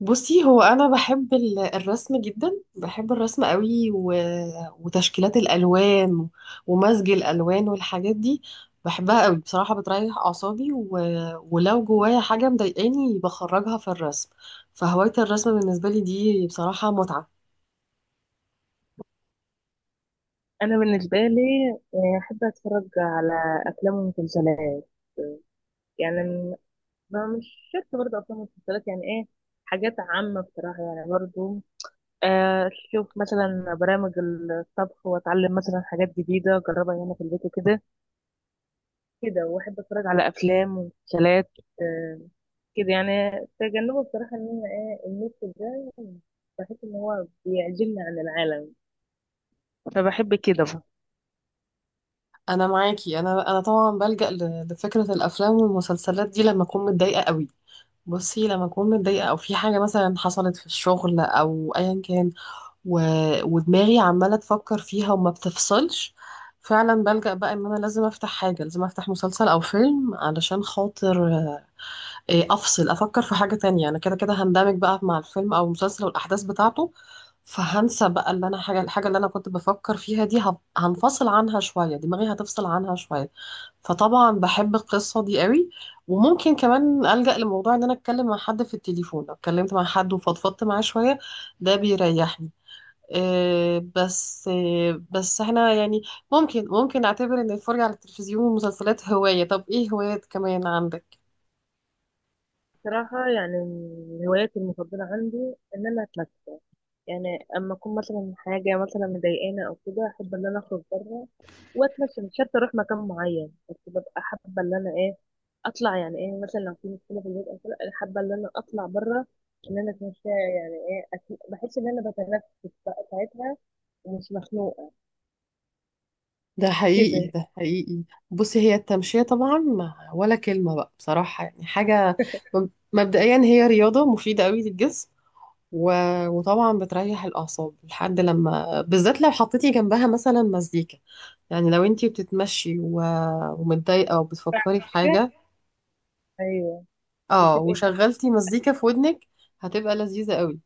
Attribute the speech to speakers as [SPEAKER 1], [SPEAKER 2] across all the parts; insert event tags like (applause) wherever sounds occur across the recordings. [SPEAKER 1] بصي، هو انا بحب الرسم جدا، بحب الرسم قوي وتشكيلات الالوان، ومزج الالوان والحاجات دي، بحبها قوي بصراحه، بتريح اعصابي. ولو جوايا حاجه مضايقاني بخرجها في الرسم، فهوايه الرسم بالنسبه لي دي بصراحه متعه.
[SPEAKER 2] انا بالنسبه لي، احب اتفرج على افلام ومسلسلات. يعني ما مش شرط برضه افلام ومسلسلات، يعني ايه، حاجات عامه بصراحه، يعني برضه اشوف مثلا برامج الطبخ واتعلم مثلا حاجات جديده اجربها هنا في البيت وكده. كده، واحب اتفرج على افلام ومسلسلات. آه، كده يعني. تجنبه بصراحه ان انا ايه، النت ده، بحس ان هو بيعزلني عن العالم، فبحب كده.
[SPEAKER 1] انا معاكي، انا طبعا بلجأ لفكره الافلام والمسلسلات دي لما اكون متضايقه قوي. بصي، لما اكون متضايقه او في حاجه مثلا حصلت في الشغل او ايا كان، و... ودماغي عمالة تفكر فيها وما بتفصلش، فعلا بلجأ بقى ان انا لازم افتح حاجة، لازم افتح مسلسل او فيلم علشان خاطر آه، إيه، افصل، افكر في حاجة تانية. انا كده كده هندمج بقى مع الفيلم او المسلسل والاحداث بتاعته، فهنسى بقى اللي انا حاجة، الحاجة اللي انا كنت بفكر فيها دي هنفصل عنها شوية، دماغي هتفصل عنها شوية. فطبعا بحب القصة دي قوي. وممكن كمان ألجأ لموضوع ان انا اتكلم مع حد في التليفون، لو اتكلمت مع حد وفضفضت معاه شوية ده بيريحني. بس احنا يعني ممكن نعتبر ان الفرجة على التلفزيون والمسلسلات هواية. طب ايه هوايات كمان عندك؟
[SPEAKER 2] بصراحه، يعني من هواياتي المفضله عندي ان انا اتمشى. يعني اما اكون مثلا حاجه مثلا مضايقاني او كده، احب ان انا اخرج بره واتمشى. مش شرط اروح مكان معين، بس ببقى حابه ان انا ايه، اطلع، يعني ايه، مثلا لو في مشكله في البيت او كده، انا حابه ان انا اطلع بره، ان انا اتمشى، يعني ايه، بحس ان انا بتنفس بقى ساعتها ومش مخنوقه
[SPEAKER 1] ده حقيقي،
[SPEAKER 2] كده.
[SPEAKER 1] ده حقيقي. بصي، هي التمشية طبعا ولا كلمة بقى بصراحة، يعني حاجة. مبدئيا، هي رياضة مفيدة قوي للجسم، و... وطبعا بتريح الأعصاب، لحد لما، بالذات لو حطيتي جنبها مثلا مزيكا. يعني لو انتي بتتمشي ومتضايقة وبتفكري في
[SPEAKER 2] حاجه،
[SPEAKER 1] حاجة،
[SPEAKER 2] ايوه،
[SPEAKER 1] اه،
[SPEAKER 2] بتبقى حاجه.
[SPEAKER 1] وشغلتي مزيكا في ودنك، هتبقى لذيذة قوي.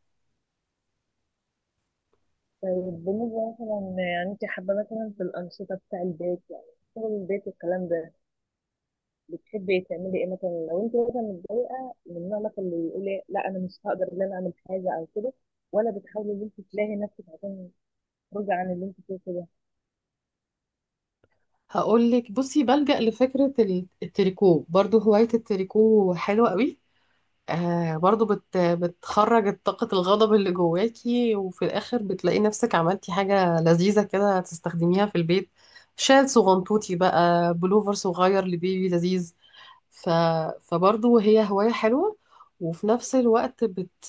[SPEAKER 2] طيب، بالنسبه مثلا، يعني انت حابه مثلا في الانشطه بتاع البيت، يعني شغل البيت والكلام ده، بتحبي تعملي ايه؟ مثلا لو انت مثلا متضايقه، من النوع مثلا اللي يقول لا، انا مش هقدر ان انا اعمل حاجه او كده، ولا بتحاولي ان انت تلاقي نفسك عشان تخرجي عن اللي انت فيه كده؟
[SPEAKER 1] هقول لك، بصي بلجأ لفكرة التريكو، برضو هواية التريكو حلوة قوي. آه، برضو بتخرج طاقة الغضب اللي جواكي، وفي الآخر بتلاقي نفسك عملتي حاجة لذيذة كده تستخدميها في البيت، شال صغنطوطي بقى، بلوفر صغير لبيبي لذيذ. ف فبرضو هي هواية حلوة، وفي نفس الوقت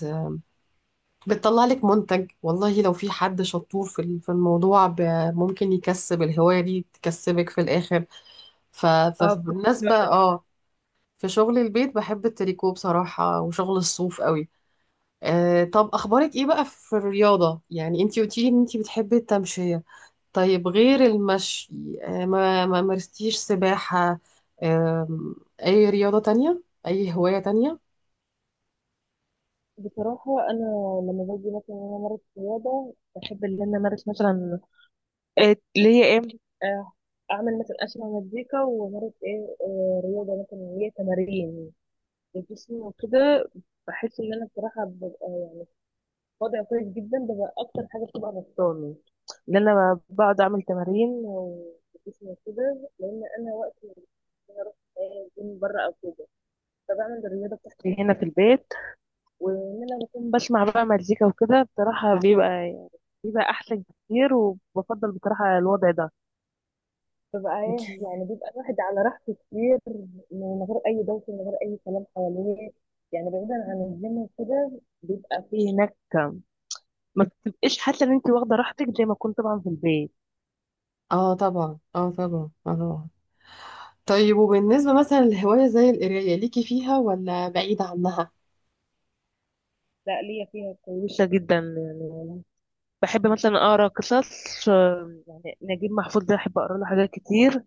[SPEAKER 1] بتطلع لك منتج. والله لو في حد شطور في في الموضوع، ممكن يكسب، الهواية دي تكسبك في الآخر.
[SPEAKER 2] اه،
[SPEAKER 1] فبالنسبة في شغل البيت، بحب التريكو بصراحة وشغل الصوف قوي. آه، طب أخبارك إيه بقى في الرياضة؟ يعني أنتي قلتيلي إن أنتي بتحبي التمشية. طيب غير المشي، آه ما مارستيش سباحة؟ آه، أي رياضة تانية؟ أي هواية تانية؟
[SPEAKER 2] بصراحه انا لما باجي مثلا ان انا امارس رياضه، بحب ان انا امارس مثلا إيه اللي هي ايه، آه، اعمل مثلا اسمع مزيكا وامارس ايه، رياضه مثلا اللي هي تمارين الجسم وكده. بحس ان انا بصراحه ببقى وضع كويس جدا، ده بقى اكتر حاجه بتبقى نقصاني، ان انا بقعد اعمل تمارين وجسمي كده، لان انا وقت ما بكون اروح جيم بره او كده، فبعمل الرياضه بتاعتي هنا في البيت. وان انا بكون بسمع بقى مزيكا وكده، بصراحه بيبقى، يعني بيبقى احسن كتير، وبفضل بصراحه الوضع ده. ببقى ايه،
[SPEAKER 1] أكيد.
[SPEAKER 2] يعني بيبقى الواحد على راحته كتير، من غير اي دوشه، من غير اي كلام حواليه، يعني بعيدا عن الجيم وكده. بيبقى فيه هناك ما تبقيش حاسه ان انت واخده راحتك زي ما كنت طبعا في البيت.
[SPEAKER 1] اه، طبعا. اه، طبعا. اه، طبعا. طيب، وبالنسبة مثلا لهواية زي القراية، ليكي فيها ولا بعيدة عنها؟
[SPEAKER 2] لا، ليا فيها كويسه جدا يعني. بحب مثلا اقرا قصص، يعني نجيب محفوظ ده احب اقرا له حاجات كتير،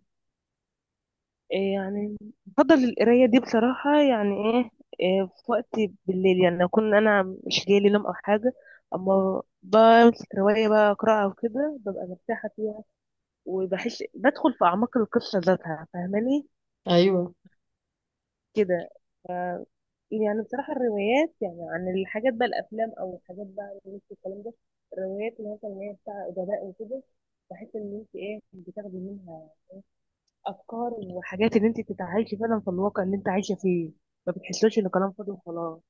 [SPEAKER 2] إيه يعني. بفضل القرايه دي بصراحه، يعني ايه، إيه، في وقت بالليل، يعني اكون انا مش جاي لي نوم او حاجه، اما بمسك روايه بقى اقراها وكده، ببقى مرتاحه فيها، وبحس بدخل في اعماق القصه ذاتها، فاهماني؟
[SPEAKER 1] أيوه.
[SPEAKER 2] كده. ف... يعني بصراحة الروايات، يعني عن الحاجات بقى، الأفلام أو الحاجات بقى اللي انت الكلام ده، الروايات اللي مثلا هي بتاع أدباء وكده، بحس إن أنت إيه، بتاخدي منها أفكار وحاجات، إن أنت تتعايشي فعلا في الواقع اللي أنت عايشة فيه، ما بتحسوش إن كلام فاضي وخلاص.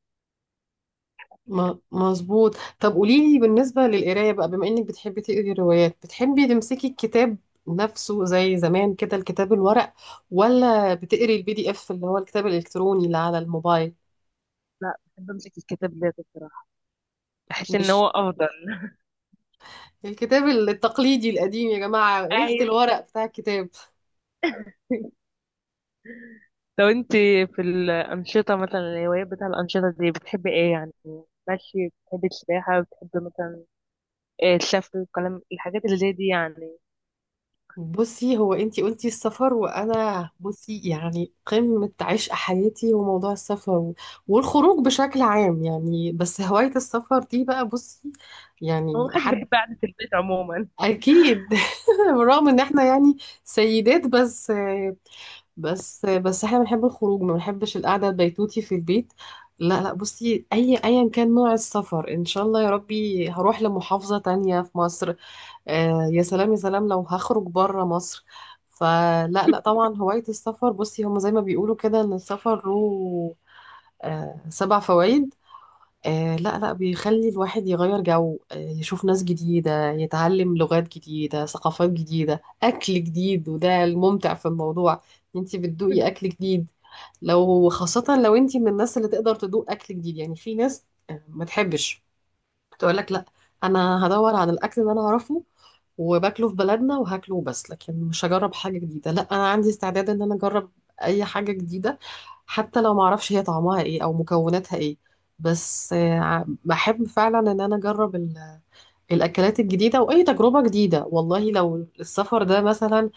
[SPEAKER 1] مظبوط. طب قولي لي بالنسبة للقراية بقى، بما انك بتحبي تقري روايات، بتحبي تمسكي الكتاب نفسه زي زمان كده، الكتاب الورق؟ ولا بتقري البي دي اف اللي هو الكتاب الالكتروني اللي على الموبايل؟
[SPEAKER 2] لا، بحب أمسك الكتاب ده بصراحة، بحس إن
[SPEAKER 1] مش
[SPEAKER 2] هو أفضل.
[SPEAKER 1] الكتاب التقليدي القديم يا جماعة، ريحة
[SPEAKER 2] عايز.
[SPEAKER 1] الورق بتاع الكتاب.
[SPEAKER 2] (laughs) لو أنت في الأنشطة مثلا، الهوايات بتاع الأنشطة دي، بتحبي إيه يعني؟ ماشي، بتحبي السباحة، بتحبي مثلا الشفوي والكلام، الحاجات اللي زي دي يعني.
[SPEAKER 1] بصي، هو انتي قلتي السفر، وانا بصي يعني قمة عشق حياتي وموضوع السفر والخروج بشكل عام. يعني بس هواية السفر دي بقى، بصي
[SPEAKER 2] هو
[SPEAKER 1] يعني
[SPEAKER 2] محدش
[SPEAKER 1] حد،
[SPEAKER 2] بيحب قعدة البيت عموما.
[SPEAKER 1] اكيد (laughs) بالرغم ان احنا يعني سيدات، بس احنا بنحب الخروج، ما بنحبش القعده البيتوتي في البيت. لا لا، بصي ايا كان نوع السفر، ان شاء الله يا ربي هروح لمحافظه تانية في مصر. آه، يا سلام يا سلام لو هخرج بره مصر. فلا لا،
[SPEAKER 2] (laughs)
[SPEAKER 1] طبعا هوايه السفر، بصي هم زي ما بيقولوا كده ان السفر له آه، سبع فوائد. آه، لا لا، بيخلي الواحد يغير جو، آه، يشوف ناس جديدة، يتعلم لغات جديدة، ثقافات جديدة، أكل جديد. وده الممتع في الموضوع، انتي بتدوقي أكل جديد. لو خاصة لو انتي من الناس اللي تقدر تدوق أكل جديد، يعني في ناس ما تحبش، تقول لك لا، انا هدور على الاكل اللي انا اعرفه وباكله في بلدنا وهاكله بس، لكن مش هجرب حاجه جديده. لا، انا عندي استعداد ان انا اجرب اي حاجه جديده، حتى لو ما اعرفش هي طعمها ايه او مكوناتها ايه. بس بحب فعلا ان انا اجرب الاكلات الجديده واي تجربه جديده. والله لو السفر ده مثلا،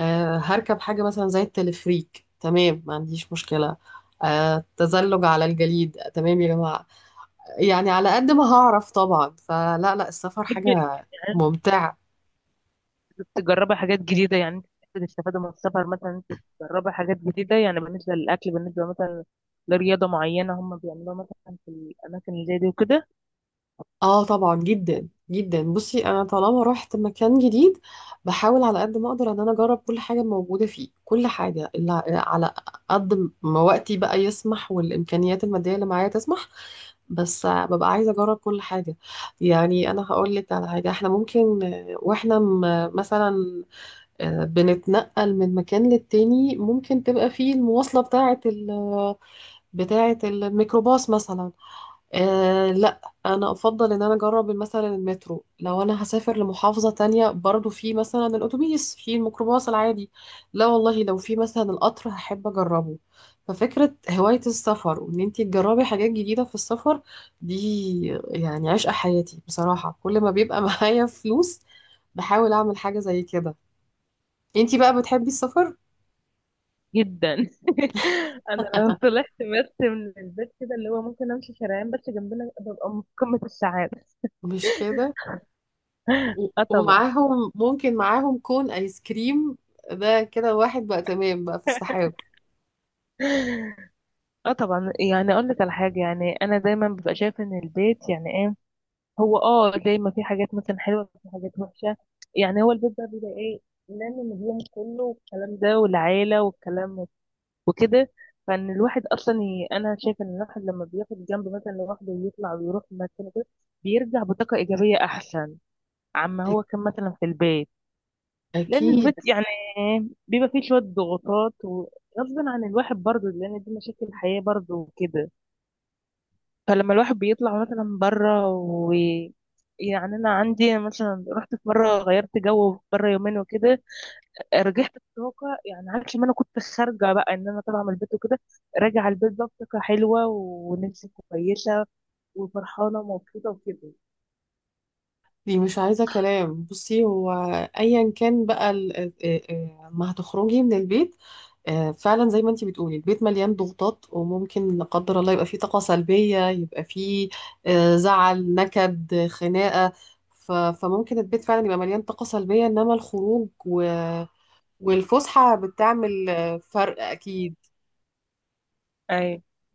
[SPEAKER 1] هركب حاجه مثلا زي التلفريك، تمام ما عنديش مشكله. تزلج على الجليد، تمام يا جماعه. يعني على قد ما هعرف طبعا. فلا لا، السفر حاجة
[SPEAKER 2] بتحب يعني
[SPEAKER 1] ممتعة.
[SPEAKER 2] أنت تجربي حاجات جديدة، يعني أنت بتحب تستفادي من السفر، مثلا أنت تجربي حاجات جديدة، يعني بالنسبة للأكل، بالنسبة مثلا لرياضة معينة هم بيعملوها مثلا في الأماكن اللي زي دي وكده.
[SPEAKER 1] اه طبعا، جدا جدا. بصي، انا طالما رحت مكان جديد، بحاول على قد ما اقدر ان انا اجرب كل حاجة موجودة فيه، كل حاجة اللي على قد ما وقتي بقى يسمح والامكانيات المادية اللي معايا تسمح. بس ببقى عايزة اجرب كل حاجة. يعني انا هقول لك على حاجة، احنا ممكن واحنا مثلا بنتنقل من مكان للتاني، ممكن تبقى فيه المواصلة بتاعة، بتاعة الميكروباص مثلا. آه، لا، انا افضل ان انا اجرب مثلا المترو، لو انا هسافر لمحافظة تانية برضو، في مثلا الاتوبيس، في الميكروباص العادي. لا والله، لو في مثلا القطر هحب اجربه. ففكرة هواية السفر وان انتي تجربي حاجات جديدة في السفر دي يعني عشق حياتي بصراحة. كل ما بيبقى (laughs) معايا فلوس بحاول اعمل حاجة زي كده. انتي بقى بتحبي السفر؟
[SPEAKER 2] جدا. (laughs) أنا لو
[SPEAKER 1] (laughs)
[SPEAKER 2] طلعت بس من البيت كده، اللي هو ممكن أمشي شارعين بس جنبنا، ببقى في قمة السعادة.
[SPEAKER 1] مش كده؟
[SPEAKER 2] أه طبعا.
[SPEAKER 1] ومعاهم ممكن، معاهم كون ايس كريم، ده كده واحد بقى تمام بقى في السحاب.
[SPEAKER 2] (laughs) اه طبعا، يعني اقول لك على حاجه، يعني انا دايما ببقى شايفه ان البيت يعني ايه، هو اه دايما في حاجات مثلا حلوه، في حاجات وحشه، يعني هو البيت ده بيبقى ايه، لان النجوم كله والكلام ده والعيله والكلام وكده. فان الواحد اصلا انا شايفه ان الواحد لما بياخد جنب مثلا لوحده ويطلع ويروح مكان كده، بيرجع بطاقه ايجابيه احسن عما
[SPEAKER 1] أ-
[SPEAKER 2] هو كان مثلا في البيت. لان
[SPEAKER 1] اكيد،
[SPEAKER 2] البيت يعني بيبقى فيه شويه ضغوطات وغصب عن الواحد برضه، لان دي مشاكل الحياه برضه وكده. فلما الواحد بيطلع مثلا بره يعني انا عندي مثلا رحت في مره، غيرت جو بره يومين وكده، رجعت بطاقه يعني عكس ما انا كنت خارجه، بقى ان انا طالعه من البيت وكده، راجعه البيت بقى بطاقه حلوه ونفسي كويسه وفرحانه ومبسوطه وكده.
[SPEAKER 1] دي مش عايزه كلام. بصي، هو ايا كان بقى ما هتخرجي من البيت، فعلا زي ما انتي بتقولي، البيت مليان ضغوطات، وممكن لا قدر الله يبقى فيه طاقه سلبيه، يبقى فيه زعل، نكد، خناقه. فممكن البيت فعلا يبقى مليان طاقه سلبيه، انما الخروج والفسحه بتعمل فرق اكيد.
[SPEAKER 2] أيوة.